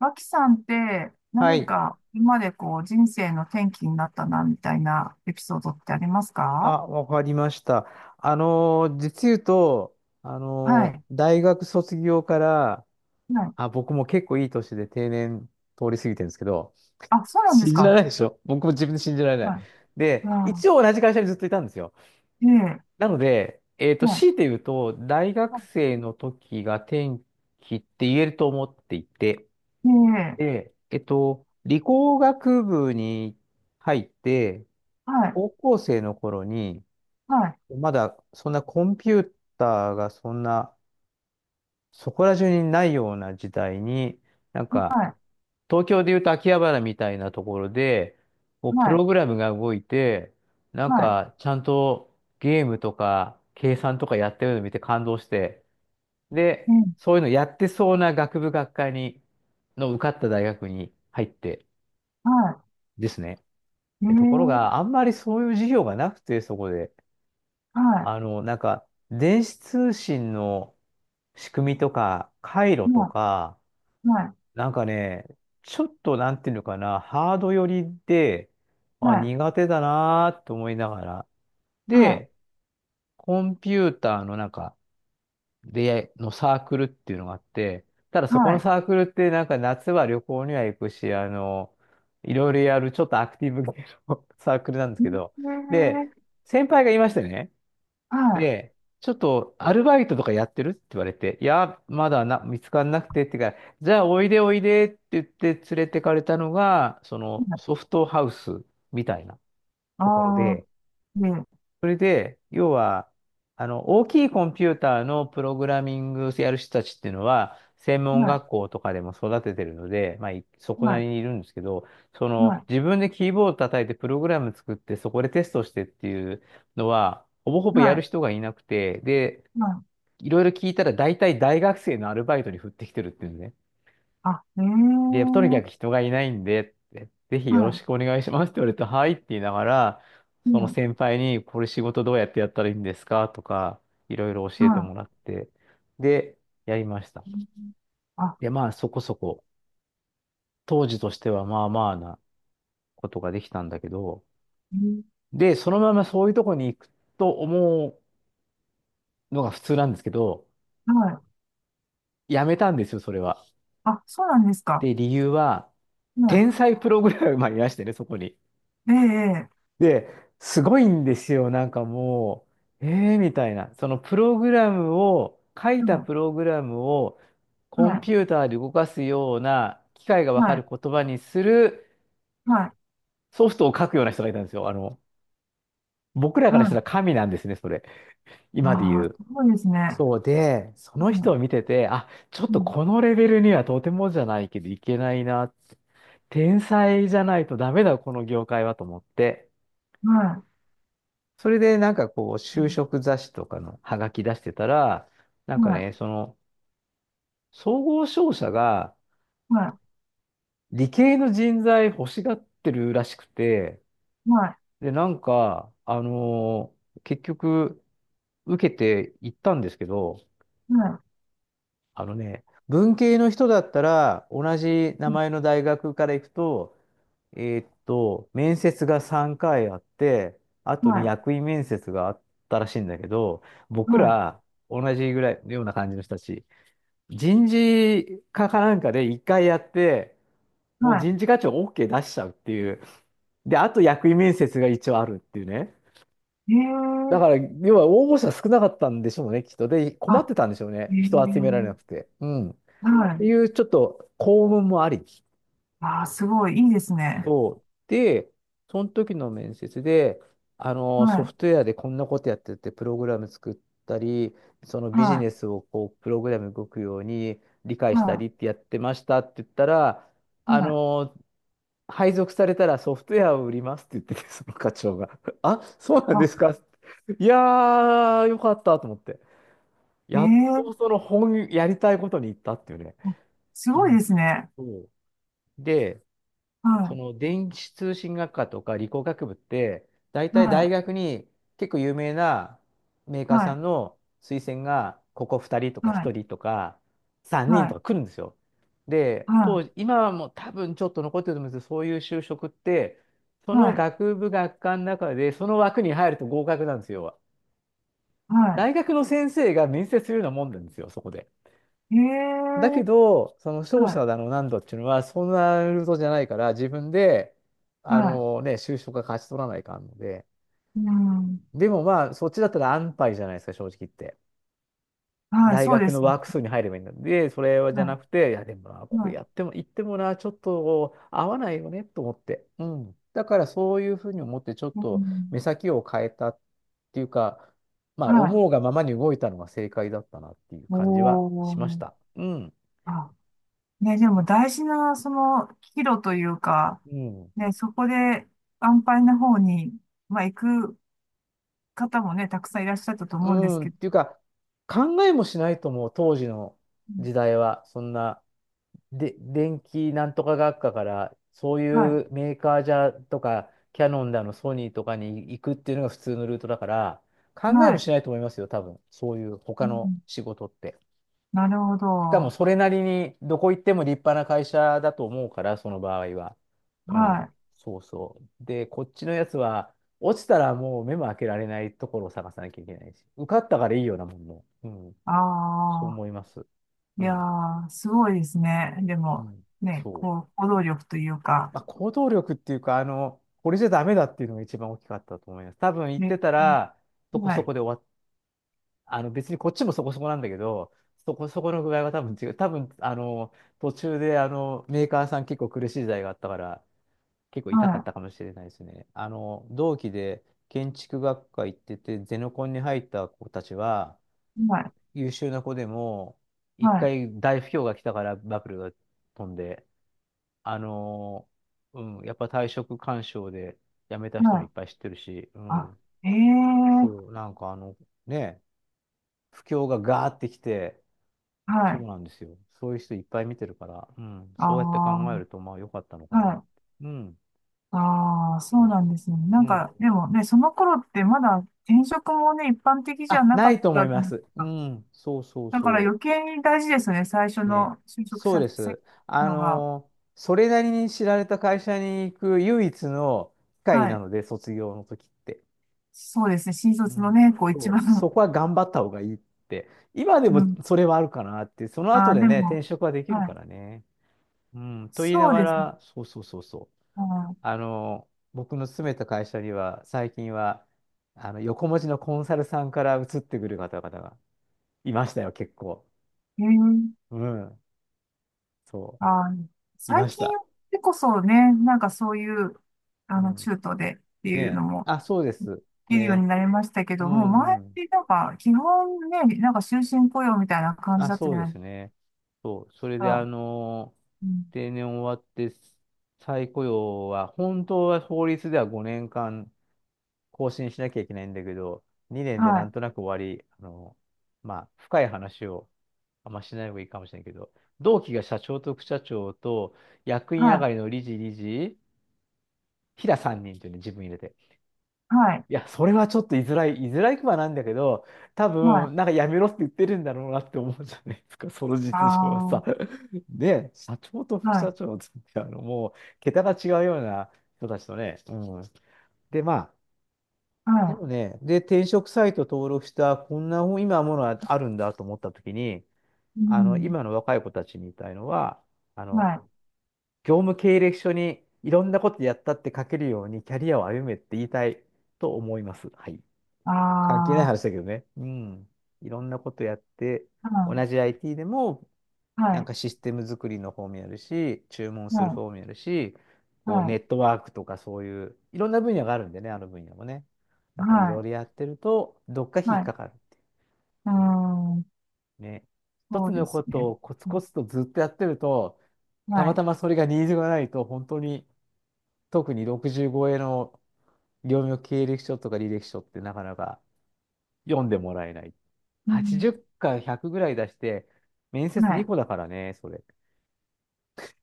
脇さんっては何い。か今までこう人生の転機になったなみたいなエピソードってありますか？あ、わかりました。実言うと、はい。大学卒業から、はい。あ、僕も結構いい年で定年通り過ぎてるんですけど、あ、そうなんです信じられか。ないでしょ、僕も自分で信じられなはい。い。で、あ一応同じ会社にずっといたんですよ。ー、ええ、なので、は強いて言うと、大学生の時が転機って言えると思っていて、い。ええ、で、理工学部に入って、はい。高校生の頃に、はい。まだそんなコンピューターがそんなそこら中にないような時代に、なんはかい。東京でいうと秋葉原みたいなところで、こうプはロい。グラムが動いて、なんはい。かちゃんとゲームとか計算とかやってるのを見て感動して、えで、え、そういうのやってそうな学部学科に、の受かった大学に入ってはですね。い。でところが、ええ、あんまりそういう授業がなくて、そこで。はあの、なんか電子通信の仕組みとか、回い。路とはか、い。はい。なんかね、ちょっとなんていうのかな、ハード寄りで、あ、はい。苦手だなーと思いながら。はい。で、コンピューターのなんか、で、のサークルっていうのがあって、ただそこはのい。サークルってなんか夏は旅行には行くし、いろいろやるちょっとアクティブ系の サークルなんですけど、ええ、で、先輩がいましてね、はい。で、ちょっとアルバイトとかやってるって言われて、いや、まだな、見つからなくてって言うから、じゃあおいでおいでって言って連れてかれたのが、そのソフトハウスみたいなところああ、で、ええ、それで、要は、大きいコンピューターのプログラミングやる人たちっていうのは、専門は学校とかでも育ててるので、まあ、いそい。こはない。りにいるんですけど、そはの、い。自分でキーボード叩いてプログラム作って、そこでテストしてっていうのは、ほぼほぼやる人がいなくて、で、はい。いろいろ聞いたら大体大学生のアルバイトに振ってきてるっていうんね。あ、ええ、で、とにかく人がいないんで、ってぜひはよろしい。くお願いしますって言われて、はいって言いながら、うそのん、先輩に、これ仕事どうやってやったらいいんですかとか、いろいろ教えてはもらって、で、やりました。い。うん。あ、で、まあそこそこ、当時としてはまあまあなことができたんだけど、うん。で、そのままそういうとこに行くと思うのが普通なんですけど、はい。やめたんですよ、それは。あ、そうなんですか。で、理由は、は天才プログラマーいらしてね、そこに。い。ええ、ええ。で、すごいんですよ。なんかもう、えーみたいな。そのプログラムを、書いたプログラムをはコンい、ピューターで動かすような機械がわはい、かはい、る言葉にするはい。ソフトを書くような人がいたんですよ。僕らはからしたらい。神なんですね、それ。あ今で言あ、う。すごいですね。そうで、そうの人ん、を見てて、あ、ちょっうとん、このレベルにはとてもじゃないけどいけないなって。天才じゃないとダメだ、この業界はと思って。はそれでなんかこう、い、う就職雑誌とかのハガキ出してたら、なんん。かはい、ね、その、総合商社がはい、理系の人材欲しがってるらしくて、はで、なんか、結局、受けて行ったんですけど、い、はい、あのね、文系の人だったら、同じ名うん。前の大学から行くと、面接が3回あって、あはとにい、役員面接があったらしいんだけど、僕はら、同じぐらい、ような感じの人たち。人事課かなんかで一回やって、い、もうは人事課長 OK 出しちゃうっていう。で、あと役員面接が一応あるっていうね。い。えだえ、から、要は応募者少なかったんでしょうね、きっと。で、困っあ、てたんでしょうえね。人集めらえ、れなくて。うん。っはてい。いう、ちょっと幸運もあり。ああ、すごい、いいですね。で、その時の面接で、はソい、フトウェアでこんなことやってて、プログラム作ったり、そのはビジい、ネスをこう、プログラム動くように理解したはりってやってましたって言ったら、い、あはい。の配属されたらソフトウェアを売りますって言ってて、その課長が。あ、そうなんであ、すか、いやー、よかったと思って。えやっえ、とその本、やりたいことに行ったっていうね。すうごいん。ですね。そうで、そはの電子通信学科とか理工学部って、大い、体はい、大学に結構有名なメーカはーさい、んの推薦が、ここ2人とかは1い。人とか3人はとい、か来るんですよ。で、は当時、今はもう多分ちょっと残ってると思うんですけど、そういう就職って、そい、のはい、学部学科の中で、その枠に入ると合格なんですよ。は大学の先生が面接するようなもんなんですよ、そこで。い。へだけえ、ど、その勝はい、者だの何度っていうのは、そんなルートじゃないから、自分で、あはのね、就職が勝ち取らないかんので、い。うん、でもまあ、そっちだったら安牌じゃないですか、正直言って。はい、大そうで学のすね。ワーク数に入ればいいんだ。で、それはじゃはなくて、いや、でもな、い、こはれい、やっても、言ってもな、ちょっと合わないよね、と思って。うん。だから、そういうふうに思って、ちょっうとん、目先を変えたっていうか、まあ、はい。思うがままに動いたのが正解だったなっていう感じはおしました。ー。うん。あ、ね、でも大事な、その、岐路というか、うん。ね、そこで安泰な方に、まあ、行く方もね、たくさんいらっしゃったとう思うんですん、っけど、ていうか、考えもしないと思う、当時のうん。時代は。そんな、で、電気なんとか学科から、そうはいうメーカーじゃとか、キャノンだの、ソニーとかに行くっていうのが普通のルートだから、考い、えはもい。しないと思いますよ、多分。そういうう他のん、仕事って。なるほしかもど。それなりにどこ行っても立派な会社だと思うから、その場合は。うはん。い。そうそう。で、こっちのやつは、落ちたらもう目も開けられないところを探さなきゃいけないし、受かったからいいようなもんも。うん。あそう思いあ。ます。いうやん。ー、すごいですね。でうも、ん。ね、そう。こう、行動力というか、まあ、行動力っていうか、これじゃダメだっていうのが一番大きかったと思います。多分行っね、てたら、そこはそこい、で終わあの別に、こっちもそこそこなんだけど、そこそこの具合は多分違う。多分、途中でメーカーさん結構苦しい時代があったから、結構痛かっはたかもしれないですね。同期で建築学科行ってて、ゼノコンに入った子たちは、い、はい、優秀な子でも、一はい、回大不況が来たからバブルが飛んで、あの、うん、やっぱ退職勧奨で辞めた人はもいい、っぱい知ってるし、うあ、ん、ええ。そう、なんかね、不況がガーってきて、はそうい、なんですよ。そういう人いっぱい見てるから、うん、あそうやって考えると、まあ良かったのかあ、なっはて。い、うん、ああ、そそううでなす。んですね。なうんん。か、でもね、その頃ってまだ転職もね、一般的じゃあ、ななかいっと思たいじゃまないです。すうか。ん、そうそうだからそ余計に大事ですよね、最初う。ね。の就職そう先です。のが。それなりに知られた会社に行く唯一の機会はない、ので、卒業の時って。そうですね、新う卒のん。ね、こう一そう、番、そこは頑張った方がいいって。今でうもん、それはあるかなって、そのあ後あ、ででね、も、転職はできるはからい。ね。うん、と言いなそうがですね。ら、そうそうそうそう。はあの、僕の勤めた会社には、最近は、横文字のコンサルさんから移ってくる方々がいましたよ、結構。い。えー、うん。そあー、う。い最まし近た。でこそね、なんかそういう、あうの、ん。中東でってねいうのえ。も、あ、そうです。いるようね。になりましたけうども、前ん、っうん。てなんか、基本ね、なんか終身雇用みたいな感じあ、だったそじうゃでないですすね。そう。それで、か。うん、定年終わって、再雇用は、本当は法律では5年間更新しなきゃいけないんだけど、2年はでない、んとなく終わり、まあ、深い話をあんましない方がいいかもしれないけど、同期が社長と副社長と、役員は上い、がりの理事、理事、平3人というね、自分入れて。はい、いや、それはちょっと居づらくはなんだけど、多はい、分、なんかやめろって言ってるんだろうなって思うじゃないですか、そのあ実情はあ、さ。は で、社長と副社い、長ってもう、桁が違うような人たちとね。うん。で、まあ、ではもね、で、転職サイト登録した、こんな本今ものはあるんだと思ったときに、い、うん、今の若い子たちに言いたいのは、あはの、い、業務経歴書にいろんなことやったって書けるようにキャリアを歩めって言いたいと思います。はい。あ関係ないあ、話だけどね。うん。いろんなことやって、は同い、じ IT でも、はなんい、かシステム作りの方もやるし、注文するは方もやるし、い、こうはネい、ットワークとかそういう、いろんな分野があるんでね、あの分野もね。だからいろはいろやってると、どっかい、引っはかい、かる。うーうん。ん、ね。一そつうでのこすね。とをコツコツとずっとやってると、たはまい。たまそれがニーズがないと、本当に、特に65円の業務経歴書とか履歴書ってなかなか読んでもらえない。うん、80か100ぐらい出して、面接は2い。個だからね、それ。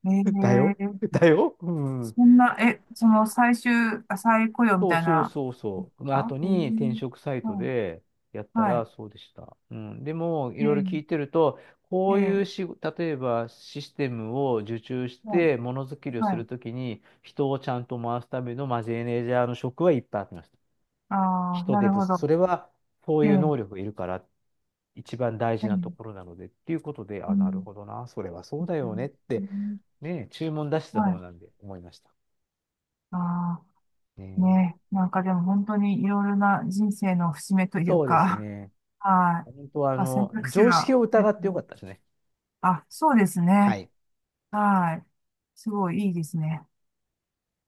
え だよー、だようん。そんな、え、その最終、あ、再雇用みそうたいそうな、そうそう。の後かえに転ー、職サイトはでやったい、はらい。そうでした。うん。でも、いろいろ聞えいてると、ー、こういうえし例えばシステムを受注しー、はい、て、ものづくりをすはるい。ときに、人をちゃんと回すためのマネージャーの職はいっぱいありました。ああ、人な手る不ほ足。ど。それは、そうえー、いう能え力がいるから一番大事なところー、なのでっていうことで、うあ、なるん、ほどな、それはそうだよねっうて、ん。ね、注文出してたは方い。なんで思いました。ああ、ね、ね、なんかでも本当にいろいろな人生の節目というそうですか、ね。はい。本当は、まあ選択肢常識が、をえー、疑ってよかったですね。あ、そうですはね。い。はい。すごいいいですね。